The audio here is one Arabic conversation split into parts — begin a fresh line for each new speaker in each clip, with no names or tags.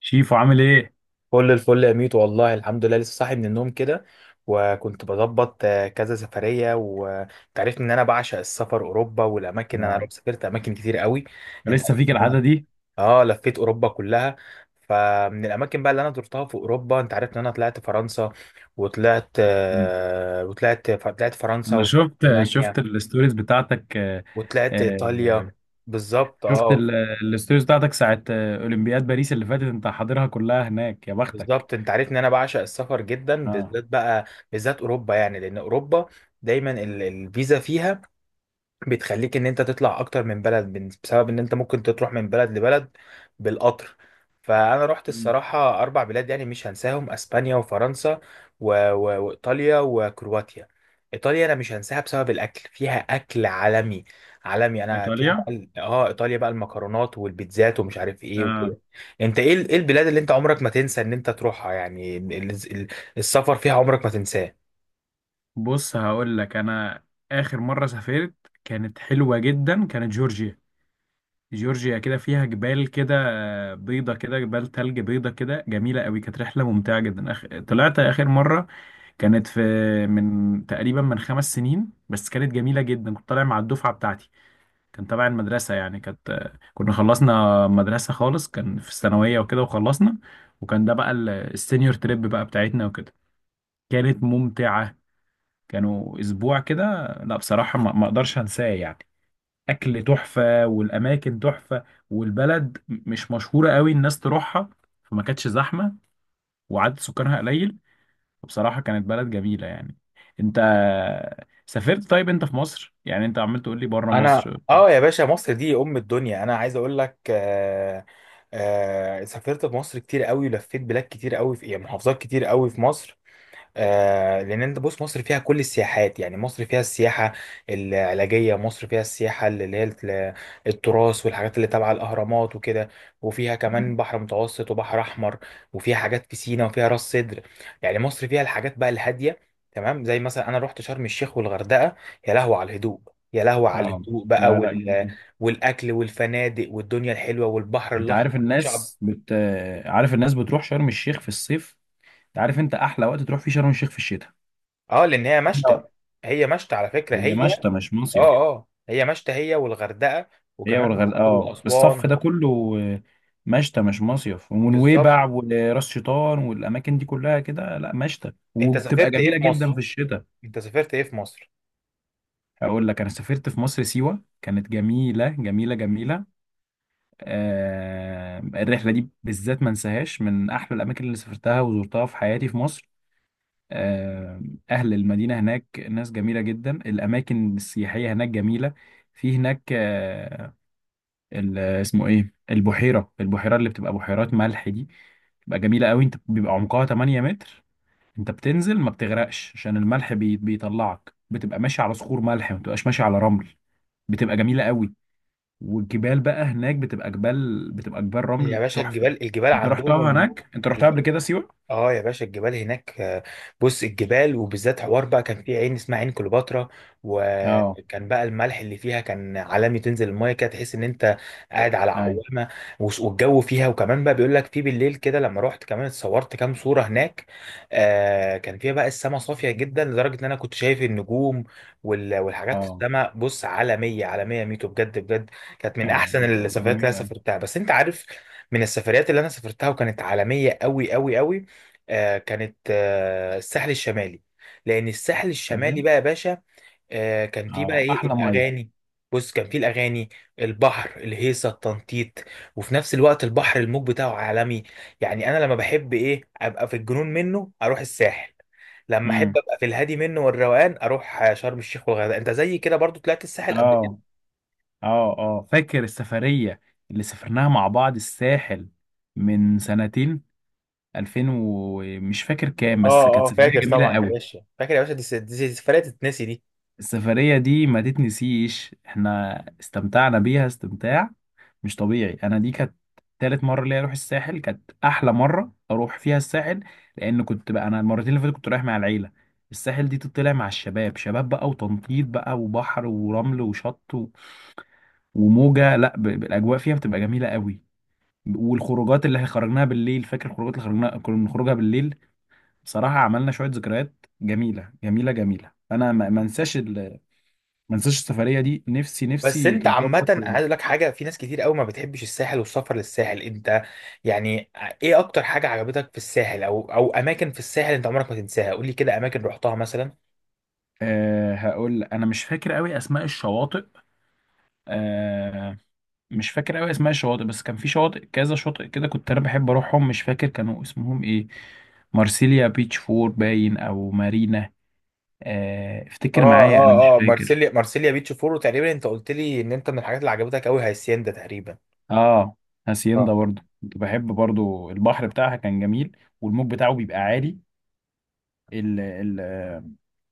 شيفو عامل ايه؟
كل الفل يا ميت، والله الحمد لله، لسه صاحي من النوم كده. وكنت بظبط كذا سفرية، وانت عارف ان انا بعشق السفر، اوروبا والاماكن. انا
نعم.
سافرت اماكن كتير قوي. انت
لسه
عارف
فيك
إن أنا-
العادة دي؟
اه، لفيت اوروبا كلها. فمن الاماكن بقى اللي انا زرتها في اوروبا، انت عارف ان انا طلعت فرنسا.
مم.
وطلعت فرنسا،
انا
وطلعت
شفت
المانيا،
الستوريز بتاعتك،
وطلعت
آه.
ايطاليا. بالظبط،
شفت
اه.
ال- الستوريز بتاعتك ساعة اولمبياد باريس اللي فاتت انت حاضرها كلها هناك، يا بختك.
بالظبط، انت عارف ان انا بعشق السفر جدا،
اه.
بالذات بقى، بالذات اوروبا يعني، لان اوروبا دايما الفيزا فيها بتخليك ان انت تطلع اكتر من بلد، بسبب ان انت ممكن تروح من بلد لبلد بالقطر. فانا رحت
مم.
الصراحة اربع بلاد يعني مش هنساهم: اسبانيا، وفرنسا، وايطاليا، وكرواتيا. ايطاليا انا مش هنساها بسبب الاكل، فيها اكل عالمي عالمي. انا فيها
ايطاليا.
بقى ايطاليا بقى المكرونات والبيتزات، ومش عارف ايه
اه.
وكده. انت ايه ايه البلاد اللي انت عمرك ما تنسى ان انت تروحها؟ يعني السفر فيها عمرك ما تنساه.
بص، هقول لك انا اخر مرة سافرت كانت حلوة جدا، كانت جورجيا. جورجيا كده فيها جبال كده، بيضة كده، جبال تلج بيضة كده، جميلة قوي. كانت رحلة ممتعة جدا. طلعت آخر مرة كانت في، من تقريبا من 5 سنين بس، كانت جميلة جدا. كنت طالع مع الدفعة بتاعتي، كان تبع المدرسة يعني. كانت خلصنا مدرسة خالص، كان في الثانوية وكده وخلصنا، وكان ده بقى السينيور تريب بقى بتاعتنا وكده. كانت ممتعة، كانوا أسبوع كده. لا بصراحة، ما أقدرش أنساه يعني. أكل تحفة والأماكن تحفة، والبلد مش مشهورة قوي الناس تروحها، فما كانتش زحمة، وعدد سكانها قليل. بصراحة كانت بلد جميلة يعني. انت سافرت؟ طيب انت في مصر، يعني انت عمال تقول لي بره
انا،
مصر.
اه يا باشا، مصر دي ام الدنيا. انا عايز اقول لك، سافرت في مصر كتير قوي، ولفيت بلاد كتير قوي في، يعني، محافظات كتير قوي في مصر. لان انت بص، مصر فيها كل السياحات. يعني مصر فيها السياحه العلاجيه، مصر فيها السياحه اللي هي التراث، والحاجات اللي تبع الاهرامات وكده. وفيها كمان بحر متوسط وبحر احمر، وفيها حاجات في سينا، وفيها راس سدر. يعني مصر فيها الحاجات بقى الهاديه، تمام، زي مثلا انا رحت شرم الشيخ والغردقه. يا لهو على الهدوء، يا لهو على
اه.
الهدوء بقى
لا لا، جميل.
والاكل والفنادق والدنيا الحلوه، والبحر
انت عارف
الاحمر والشعب.
الناس عارف الناس بتروح شرم الشيخ في الصيف؟ انت عارف انت احلى وقت تروح فيه شرم الشيخ في الشتاء.
اه، لان هي مشتى.
لا.
هي مشتى على فكره،
هي
هي.
مشتى مش
اه
مصيف.
اه هي مشتى، هي والغردقه،
هي
وكمان
والغردقه،
الاقصر
اه، الصف
واسوان.
ده كله، مشتى مش مصيف.
بالظبط.
ونويبع وراس شيطان والاماكن دي كلها كده، لا مشتى،
انت
وبتبقى
سافرت ايه
جميله
في
جدا
مصر
في الشتاء.
انت سافرت ايه في مصر؟
هقول لك انا سافرت في مصر سيوة، كانت جميلة جميلة جميلة. آه، الرحلة دي بالذات ما انساهاش، من احلى الاماكن اللي سافرتها وزرتها في حياتي في مصر. آه. اهل المدينة هناك ناس جميلة جدا، الاماكن السياحية هناك جميلة. في هناك آه، اسمه ايه، البحيرة، البحيرة اللي بتبقى بحيرات ملح دي، بتبقى جميلة قوي. انت بيبقى عمقها 8 متر، انت بتنزل ما بتغرقش، عشان الملح بيطلعك. بتبقى ماشي على صخور ملح، ما بتبقاش ماشي على رمل. بتبقى جميلة قوي. والجبال بقى هناك بتبقى جبال، بتبقى جبال
يا
رمل
باشا،
تحفة.
الجبال
انت
عندهم
رحتها هناك؟ انت رحتها قبل كده سيوة؟
اه يا باشا الجبال هناك، بص، الجبال وبالذات حوار بقى، كان في عين اسمها عين كليوباترا.
اه.
وكان بقى الملح اللي فيها كان عالمي، تنزل المايه كده تحس ان انت قاعد على
اي.
عوامه. والجو فيها، وكمان بقى بيقول لك في بالليل كده، لما رحت كمان اتصورت كام صوره هناك. كان فيها بقى السماء صافيه جدا لدرجه ان انا كنت شايف النجوم والحاجات في
اه
السماء، بص، عالميه عالميه، ميتو، بجد بجد. كانت من
اه،
احسن
بتبقى
السفريات اللي انا
جميلة قوي.
سافرتها، بس انت عارف، من السفريات اللي انا سافرتها وكانت عالميه قوي قوي قوي، كانت الساحل الشمالي. لان الساحل الشمالي
فاهم.
بقى يا باشا، كان فيه بقى
اه،
ايه
احلى مية.
الاغاني. بص، كان فيه الاغاني، البحر، الهيصه، التنطيط، وفي نفس الوقت البحر الموج بتاعه عالمي. يعني انا لما بحب ايه ابقى في الجنون منه، اروح الساحل. لما
امم.
احب ابقى في الهادي منه والروقان، اروح شرم الشيخ والغردقه. انت زي كده برضو طلعت الساحل قبل كده؟
اه اه اه، فاكر السفرية اللي سافرناها مع بعض، الساحل، من سنتين، 2000 ومش فاكر كام،
اه،
بس كانت
اه،
سفرية
فاكر طبعا
جميلة
يا
قوي.
باشا، فاكر يا باشا، دي سفرية تتنسي دي.
السفرية دي ما تتنسيش، احنا استمتعنا بيها استمتاع مش طبيعي. انا دي كانت تالت مرة ليا اروح الساحل، كانت احلى مرة اروح فيها الساحل، لان كنت بقى انا المرتين اللي فاتت كنت رايح مع العيلة. الساحل دي تطلع مع الشباب، شباب بقى وتنطيط بقى وبحر ورمل وشط و... وموجة لا ب... ب- الاجواء فيها بتبقى جميلة قوي. والخروجات اللي خرجناها بالليل، فاكر الخروجات اللي خرجناها كنا بنخرجها بالليل؟ بصراحة عملنا شوية ذكريات جميلة جميلة جميلة، انا ما انساش، ما انساش السفريه دي. نفسي
بس
نفسي
انت عامة،
تتظبط
انا عايز
تاني.
اقول لك حاجة، في ناس كتير قوي ما بتحبش الساحل والسفر للساحل. انت يعني، ايه اكتر حاجة عجبتك في الساحل، او اماكن في الساحل انت عمرك ما تنساها؟ قول لي كده اماكن رحتها مثلا.
أه هقول، انا مش فاكر قوي اسماء الشواطئ. أه، مش فاكر قوي اسماء الشواطئ، بس كان في شواطئ، كذا شاطئ كده كنت انا بحب اروحهم، مش فاكر كانوا اسمهم ايه. مارسيليا بيتش فور باين، او مارينا. أه افتكر
اه،
معايا، انا مش
اه، اه،
فاكر.
مارسيليا بيتش فورو تقريبا، انت قلت لي ان انت، من الحاجات اللي عجبتك قوي، هاسيندا تقريبا.
اه. هاسيندا
اه،
برضو كنت بحب، برضو البحر بتاعها كان جميل، والموج بتاعه بيبقى عالي. ال ال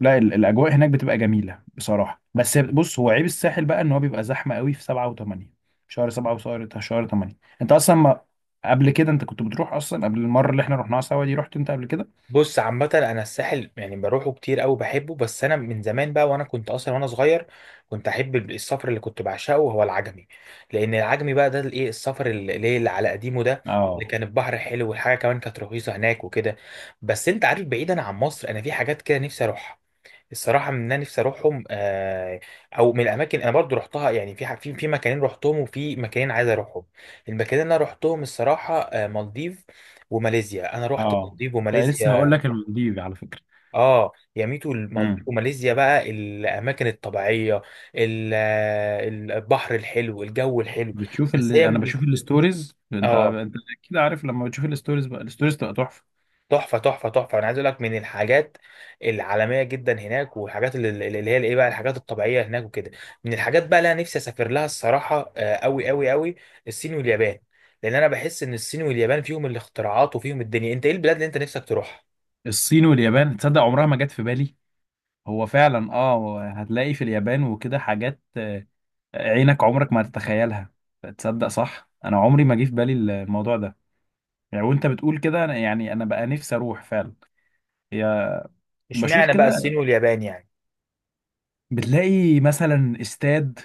لا، الاجواء هناك بتبقى جميله بصراحه. بس بص، هو عيب الساحل بقى ان هو بيبقى زحمه قوي في 7 و8، شهر 7 وشهر 8. انت اصلا ما، قبل كده انت كنت بتروح اصلا قبل المره اللي احنا رحناها سوا دي؟ رحت انت قبل كده؟
بص، عامة أنا الساحل يعني بروحه كتير أوي، بحبه. بس أنا من زمان بقى، وأنا كنت أصلا وأنا صغير، كنت أحب السفر اللي كنت بعشقه هو العجمي. لأن العجمي بقى ده الإيه، السفر اللي على قديمه ده، اللي
اه.
كان البحر حلو، والحاجة كمان كانت رخيصة هناك وكده. بس أنت عارف، بعيدا عن مصر، أنا في حاجات كده نفسي أروحها الصراحة، من، أنا نفسي أروحهم. أو من الأماكن أنا برضو رحتها، يعني في في مكانين رحتهم، وفي مكانين عايز أروحهم. المكانين اللي أنا رحتهم الصراحة، مالديف وماليزيا. أنا رحت
اه،
مالديف
انت لسه،
وماليزيا.
هقول لك، المالديف على فكره.
اه يا ميتو، المالديف
امم.
وماليزيا بقى، الاماكن الطبيعيه، ال- البحر الحلو، الجو الحلو.
بتشوف
بس هي
اللي انا
مش،
بشوف الستوريز، انت
اه،
انت اكيد عارف. لما بتشوف الستوريز بقى، الستوريز تبقى تحفه.
تحفه تحفه تحفه. انا عايز اقول لك، من الحاجات العالميه جدا هناك، والحاجات اللي هي الايه بقى، الحاجات الطبيعيه هناك وكده. من الحاجات بقى اللي انا نفسي اسافر لها الصراحه، قوي قوي قوي، الصين واليابان. لان انا بحس ان الصين واليابان فيهم الاختراعات وفيهم الدنيا. انت ايه البلاد اللي انت نفسك تروحها؟
الصين واليابان؟ تصدق عمرها ما جت في بالي. هو فعلا، اه، هتلاقي في اليابان وكده حاجات عينك عمرك ما تتخيلها. تصدق صح، انا عمري ما جه في بالي الموضوع ده. يعني وانت بتقول كده، يعني انا بقى نفسي اروح فعلا. هي، بشوف
اشمعنى بقى
كده
الصين واليابان يعني؟
بتلاقي مثلا استاد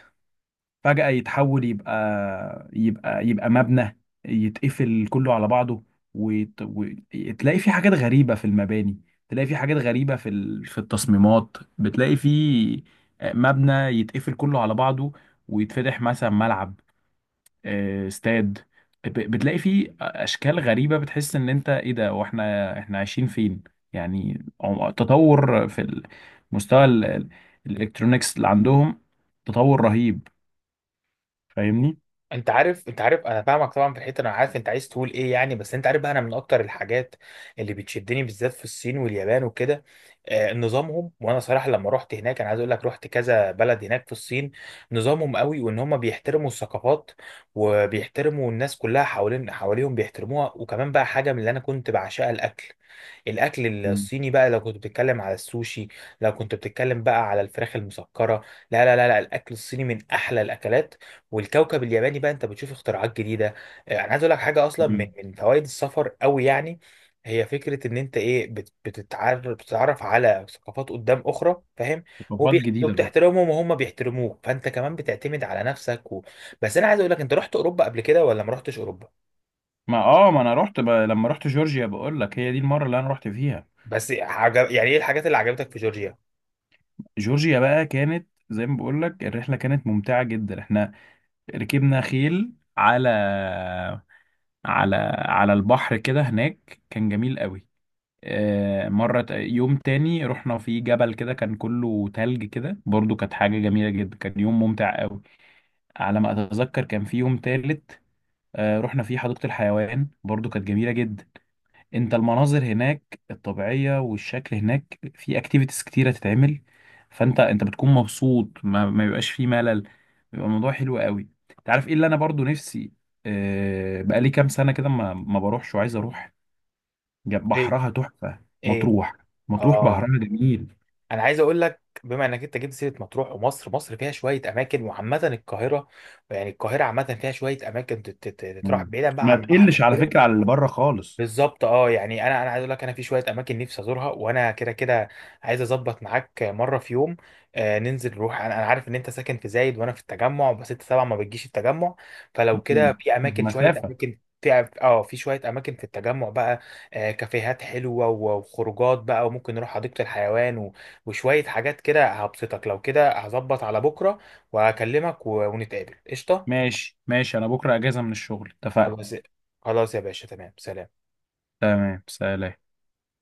فجأة يتحول يبقى مبنى، يتقفل كله على بعضه. وتلاقي في حاجات غريبة في المباني، تلاقي في حاجات غريبة في في التصميمات. بتلاقي في مبنى يتقفل كله على بعضه، ويتفتح مثلا ملعب، استاد، بتلاقي فيه اشكال غريبه، بتحس ان انت ايه ده، واحنا عايشين فين يعني. تطور في المستوى الالكترونيكس اللي عندهم، تطور رهيب. فاهمني.
انت عارف انا فاهمك طبعا في الحته، انا عارف انت عايز تقول ايه يعني. بس انت عارف بقى، انا من اكتر الحاجات اللي بتشدني بالذات في الصين واليابان وكده، نظامهم. وانا صراحه لما رحت هناك، انا عايز اقول لك، رحت كذا بلد هناك في الصين. نظامهم قوي، وان هم بيحترموا الثقافات، وبيحترموا الناس كلها حوالين حواليهم، بيحترموها. وكمان بقى حاجه من اللي انا كنت بعشقها، الاكل. الاكل
مم.
الصيني بقى، لو كنت بتتكلم على السوشي، لو كنت بتتكلم بقى على الفراخ المسكره، لا، لا، لا، لا، الاكل الصيني من احلى الاكلات. والكوكب الياباني بقى، انت بتشوف اختراعات جديده. انا عايز اقول لك حاجه اصلا، من
مم.
من فوائد السفر قوي يعني، هي فكره ان انت ايه، بتتعرف على ثقافات قدام اخرى، فاهم؟
ثقافات جديده برضه.
وبتحترمهم وهم بيحترموك، فانت كمان بتعتمد على نفسك. بس انا عايز اقول لك، انت رحت اوروبا قبل كده ولا ما رحتش اوروبا؟
ما اه ما انا لما رحت جورجيا بقول لك، هي دي المره اللي انا رحت فيها.
يعني ايه الحاجات اللي عجبتك في جورجيا؟
جورجيا بقى كانت زي ما بقول لك، الرحله كانت ممتعه جدا. احنا ركبنا خيل على على البحر كده، هناك كان جميل قوي. آه، مرة يوم تاني رحنا في جبل كده كان كله تلج كده، برضو كانت حاجة جميلة جدا، كان يوم ممتع قوي. على ما أتذكر كان في يوم تالت، آه، رحنا فيه حديقة الحيوان، برضو كانت جميلة جدا. انت المناظر هناك الطبيعية والشكل، هناك في اكتيفيتيز كتيرة تتعمل، فانت بتكون مبسوط، ما بيبقاش فيه ملل، بيبقى الموضوع حلو قوي. تعرف ايه اللي انا برضو نفسي، بقالي كام سنة كده ما بروحش وعايز اروح.
ايه،
بحرها تحفة.
ايه،
مطروح. مطروح
اه،
بحرها جميل.
انا عايز اقول لك، بما انك انت جبت سيره مطروح ومصر، مصر فيها شويه اماكن. وعامه القاهره، يعني القاهره عامه فيها شويه اماكن تتراح
مم.
بعيدا بقى
ما
عن البحر
تقلش على
وكده.
فكرة على اللي بره خالص.
بالظبط، اه يعني انا عايز اقول لك، انا في شويه اماكن نفسي ازورها، وانا كده كده عايز اظبط معاك مره في يوم، ننزل نروح. انا عارف ان انت ساكن في زايد، وانا في التجمع، بس انت طبعا ما بتجيش التجمع. فلو كده،
مم.
في اماكن، شويه
مسافة.
اماكن، في شويه اماكن في التجمع بقى، كافيهات حلوه، وخروجات بقى، وممكن نروح حديقه الحيوان وشويه حاجات كده هبسطك. لو كده هظبط على بكره وهكلمك، ونتقابل، قشطه.
ماشي ماشي، أنا بكرة أجازة من الشغل. اتفقنا.
خلاص. خلاص يا باشا، تمام، سلام.
تمام سلام.